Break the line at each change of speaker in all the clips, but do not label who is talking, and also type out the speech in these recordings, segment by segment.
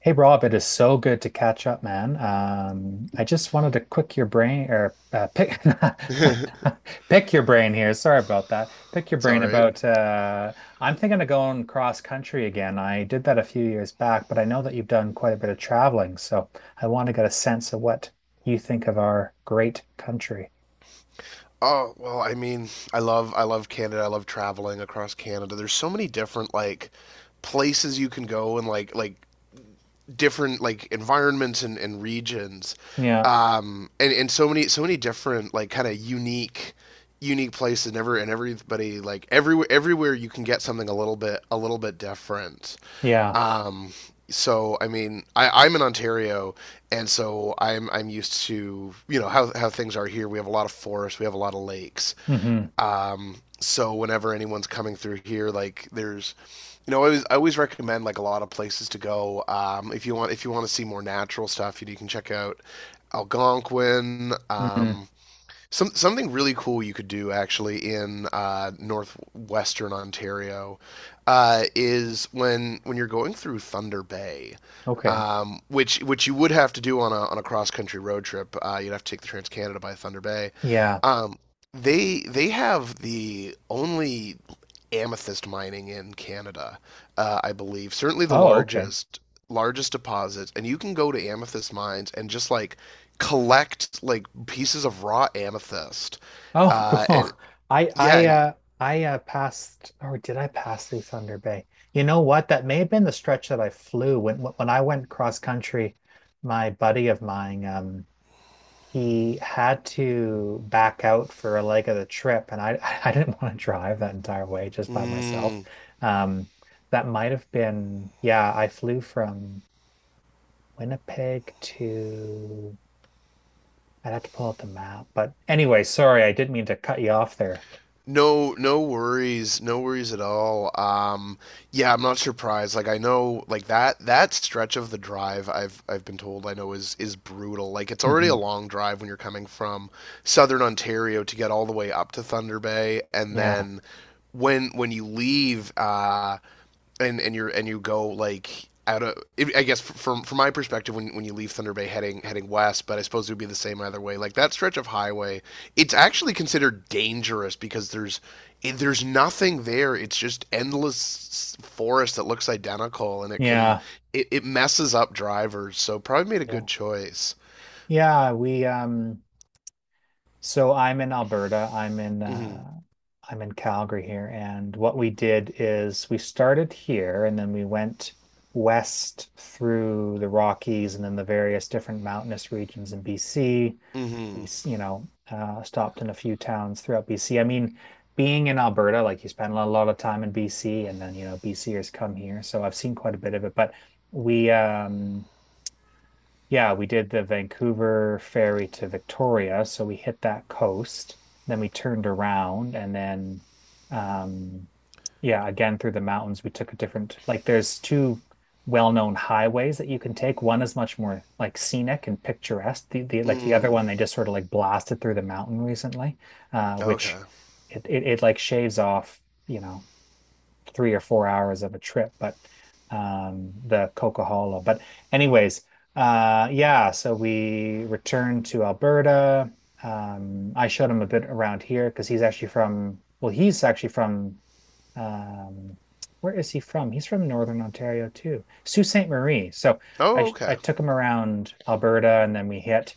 Hey Rob, it is so good to catch up, man. I just wanted to quick your brain or pick pick your brain here. Sorry about that. Pick your
It's
brain
all right.
about I'm thinking of going cross country again. I did that a few years back, but I know that you've done quite a bit of traveling, so I want to get a sense of what you think of our great country.
I mean, I love Canada. I love traveling across Canada. There's so many different like places you can go, and like different like environments and regions,
Yeah,
and so many different like kind of unique places. Never and Everybody like everywhere you can get something a little bit different.
yeah.
Um, so I mean, I'm in Ontario, and so I'm used to you know how things are here. We have a lot of forests, we have a lot of lakes.
Hmm.
So whenever anyone's coming through here, I always recommend like a lot of places to go. If you want to see more natural stuff, you can check out Algonquin.
Hmm.
Something really cool you could do actually in northwestern Ontario is when you're going through Thunder Bay,
Okay.
which you would have to do on a cross country road trip. You'd have to take the Trans Canada by Thunder Bay.
Yeah.
Um, they have the only amethyst mining in Canada, I believe. Certainly the
Oh, okay.
largest deposits, and you can go to amethyst mines and just like collect like pieces of raw amethyst.
Oh, cool.
And
I
yeah,
I
and,
uh I passed, or did I pass through Thunder Bay? You know what? That may have been the stretch that I flew when I went cross country. My buddy of mine, he had to back out for a leg of the trip, and I I didn't want to drive that entire way just by myself.
mm,
Um, that might have been yeah. I flew from Winnipeg to I'd have to pull out the map, but anyway, sorry, I didn't mean to cut you off there.
No, no worries, no worries at all. Yeah, I'm not surprised. Like I know, like that stretch of the drive, I've been told I know is brutal. Like it's already a
Mhm.
long drive when you're coming from southern Ontario to get all the way up to Thunder Bay, and
Yeah,
then when you leave, and you're and you go like out of, I guess, from my perspective when you leave Thunder Bay heading west, but I suppose it would be the same either way. Like that stretch of highway, it's actually considered dangerous because there's nothing there. It's just endless forest that looks identical, and it can
yeah,
it, it messes up drivers. So probably made a
yeah,
good choice.
yeah. We so I'm in Alberta.
Mm-hmm.
I'm in Calgary here, and what we did is we started here, and then we went west through the Rockies, and then the various different mountainous regions in BC. We,
Mm-hmm.
s- you know, stopped in a few towns throughout BC. I mean, being in Alberta, like you spend a lot of time in BC, and then you know, BCers come here, so I've seen quite a bit of it, but we. Yeah, we did the Vancouver ferry to Victoria, so we hit that coast, then we turned around, and then um yeah, again through the mountains we took a different like there's two well-known highways that you can take. One is much more like scenic and picturesque. The the other
Mm.
one they just sort of like blasted through the mountain recently, which
Okay.
it like shaves off, you know, 3 or 4 hours of a trip, but the coca But anyways, yeah, so we returned to Alberta. I showed him a bit around here because he's actually from, well, he's actually from, um, where is he from? He's from Northern Ontario too, Sault Ste. Marie. So
Oh,
I
okay.
took him around Alberta, and then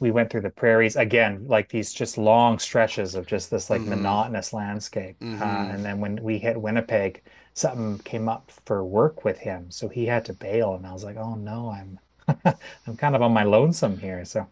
we went through the prairies again, like these just long stretches of just this like
Mm-hmm.
monotonous landscape.
Mm-hmm.
And then when we hit Winnipeg, something came up for work with him, so he had to bail, and I was like, oh no, I'm I'm kind of on my lonesome here. So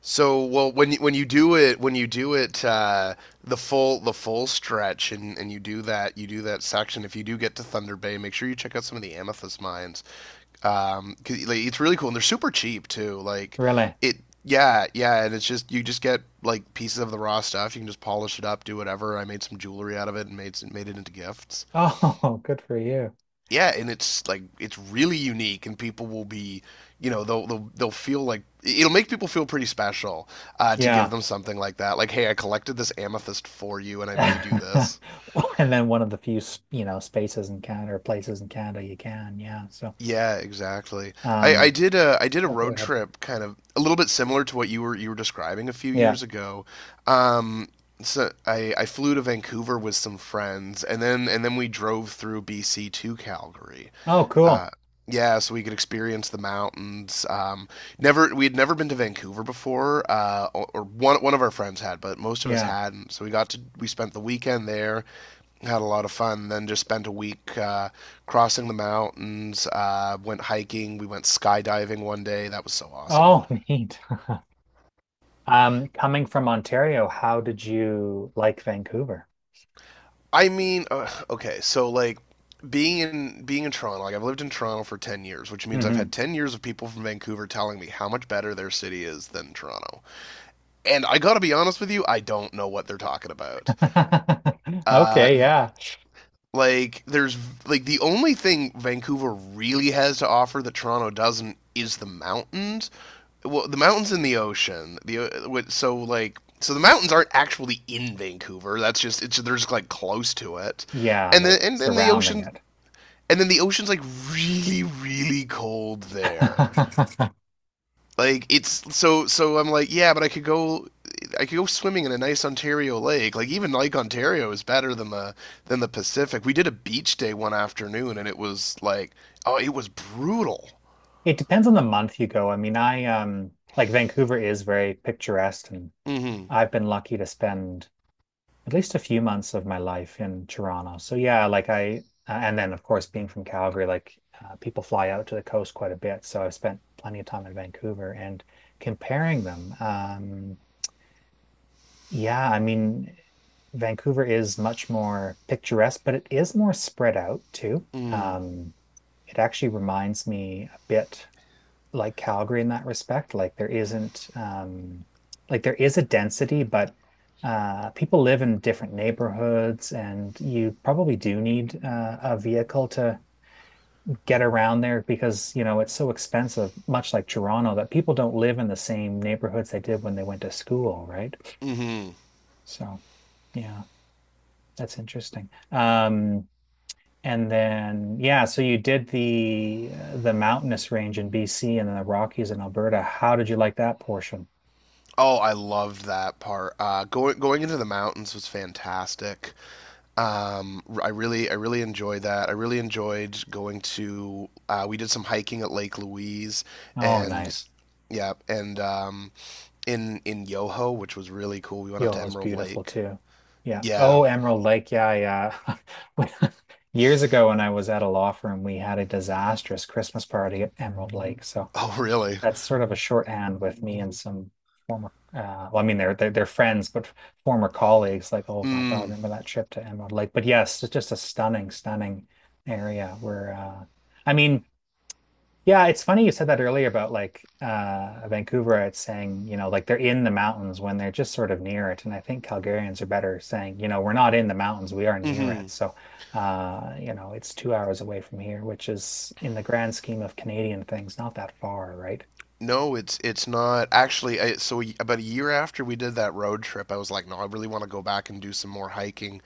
So well, when you do it, when you do it, the full stretch, and you do that section. If you do get to Thunder Bay, make sure you check out some of the amethyst mines. 'Cause, like, it's really cool, and they're super cheap too.
really,
It, yeah, yeah, and it's just you just get like pieces of the raw stuff. You can just polish it up, do whatever. I made some jewelry out of it and made it into gifts,
oh, good for you.
yeah, and it's like it's really unique, and people will be, you know, they'll feel like it'll make people feel pretty special to give
Yeah.
them something like that. Like, hey, I collected this amethyst for you, and I made you this.
And then one of the few, you know, spaces in Canada or places in Canada you can. Yeah. So,
Yeah, exactly. I, I
um,
did a I did a
oh, go
road
ahead.
trip kind of a little bit similar to what you were describing a few
Yeah.
years ago. Um, so I flew to Vancouver with some friends, and then we drove through BC to Calgary.
Oh, cool.
Uh, yeah, so we could experience the mountains. Never We had never been to Vancouver before, or one one of our friends had, but most of us
Yeah.
hadn't. So we got to We spent the weekend there, had a lot of fun. Then just spent a week crossing the mountains, went hiking, we went skydiving one day. That was so awesome.
Oh, neat. Coming from Ontario, how did you like Vancouver?
I mean, okay, so like being in Toronto, like I've lived in Toronto for 10 years, which means I've had
Hmm.
10 years of people from Vancouver telling me how much better their city is than Toronto. And I got to be honest with you, I don't know what they're talking about. Uh
Okay, yeah.
like there's like the only thing Vancouver really has to offer that Toronto doesn't is the mountains, well, the mountains and the ocean. The so like so the mountains aren't actually in Vancouver. That's just it's They're just like close to it,
Yeah,
and then
they're
and then the
surrounding
ocean,
it.
and then the ocean's like really cold there. Like it's so, so I'm like, yeah, but I could go. I could go swimming in a nice Ontario lake. Like even Lake Ontario is better than the Pacific. We did a beach day one afternoon, and it was like, oh, it was brutal.
It depends on the month you go. I mean, I like Vancouver is very picturesque, and
Hmm.
I've been lucky to spend at least a few months of my life in Toronto. So yeah, like I and then of course being from Calgary, people fly out to the coast quite a bit, so I've spent plenty of time in Vancouver and comparing them. Yeah, I mean, Vancouver is much more picturesque, but it is more spread out too. Um, it actually reminds me a bit like Calgary in that respect. Like there isn't, like there is a density, but people live in different neighborhoods, and you probably do need a vehicle to get around there because you know it's so expensive, much like Toronto, that people don't live in the same neighborhoods they did when they went to school, right?
Hmm.
So, yeah. That's interesting. And then yeah, so you did the mountainous range in BC, and then the Rockies in Alberta. How did you like that portion?
Oh, I loved that part. Going going into the mountains was fantastic. I really enjoyed that. I really enjoyed going to. We did some hiking at Lake Louise,
Oh,
and
nice.
yeah, and in Yoho, which was really cool. We went up to
Yo, it's
Emerald
beautiful
Lake.
too. Yeah.
Yeah.
Oh, Emerald Lake. Yeah, yeah. When- Years ago, when I was at a law firm, we had a disastrous Christmas party at Emerald Lake. So
Oh, really?
that's sort of a shorthand with me and some former well I mean they're they're friends, but former colleagues like oh my God
Mm.
remember that trip to Emerald Lake, but yes it's just a stunning stunning area where I mean yeah it's funny you said that earlier about Vancouver it's saying you know like they're in the mountains when they're just sort of near it, and I think Calgarians are better saying you know we're not in the mountains, we are near
Mm-hmm.
it. So you know, it's 2 hours away from here, which is in the grand scheme of Canadian things not that far, right.
No, it's not actually. So we, about a year after we did that road trip, I was like, no, I really want to go back and do some more hiking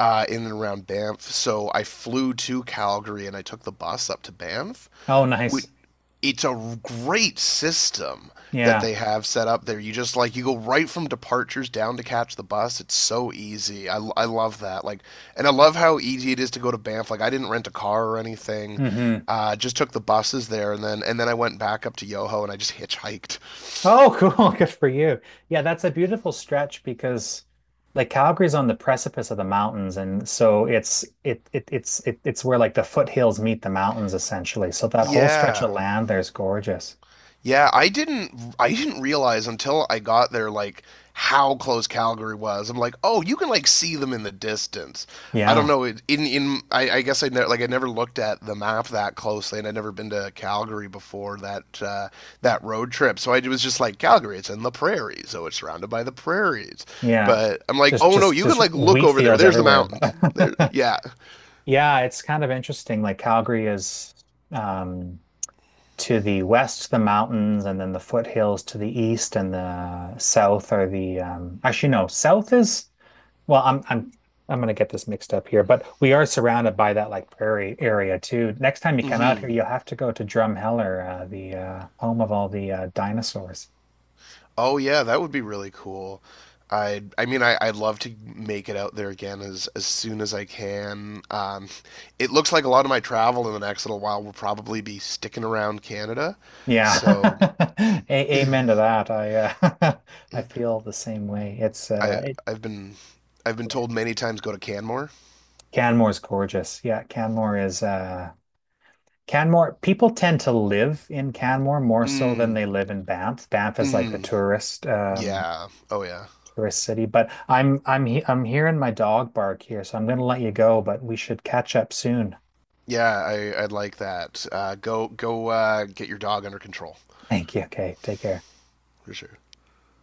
in and around Banff. So I flew to Calgary and I took the bus up to Banff.
Oh, nice.
It's a great system that
Yeah.
they have set up there. You just like you go right from departures down to catch the bus. It's so easy. I love that. And I love how easy it is to go to Banff. Like, I didn't rent a car or anything.
Hmm.
Just took the buses there, and then I went back up to Yoho, and I just hitchhiked.
Oh, cool. Good for you. Yeah, that's a beautiful stretch because like Calgary's on the precipice of the mountains, and so it's it it, it's where like the foothills meet the mountains essentially. So that whole stretch of
Yeah.
land there's gorgeous.
Yeah, I didn't realize until I got there like how close Calgary was. I'm like, oh, you can like see them in the distance. I don't
Yeah.
know. It, in I guess I ne- like I never looked at the map that closely, and I'd never been to Calgary before that that road trip. So I was just like, Calgary, it's in the prairies, so it's surrounded by the prairies.
Yeah.
But I'm like,
Just
oh no,
just
you can
just
like look
wheat
over there.
fields
There's the
everywhere.
mountains. There,
But
yeah.
yeah, it's kind of interesting. Calgary is um to the west, the mountains, and then the foothills to the east, and the south are the actually no, south is well, I'm gonna get this mixed up here, but we are surrounded by that like prairie area too. Next time you come out here,
Mm-hmm.
you'll have to go to Drumheller, the home of all the dinosaurs.
Oh yeah, that would be really cool. I mean I'd love to make it out there again as soon as I can. It looks like a lot of my travel in the next little while will probably be sticking around Canada.
Yeah,
So
a amen to that. I I feel the same way.
I I've been I've been told many times, go to Canmore.
Canmore's gorgeous. Canmore, people tend to live in Canmore more so than
Mm.
they live in Banff. Banff is like the
Hmm. Yeah. Oh yeah.
tourist city, but I'm hearing my dog bark here, so I'm going to let you go, but we should catch up soon.
Yeah, I I'd like that. Go get your dog under control.
Thank you. Okay, take care.
For sure.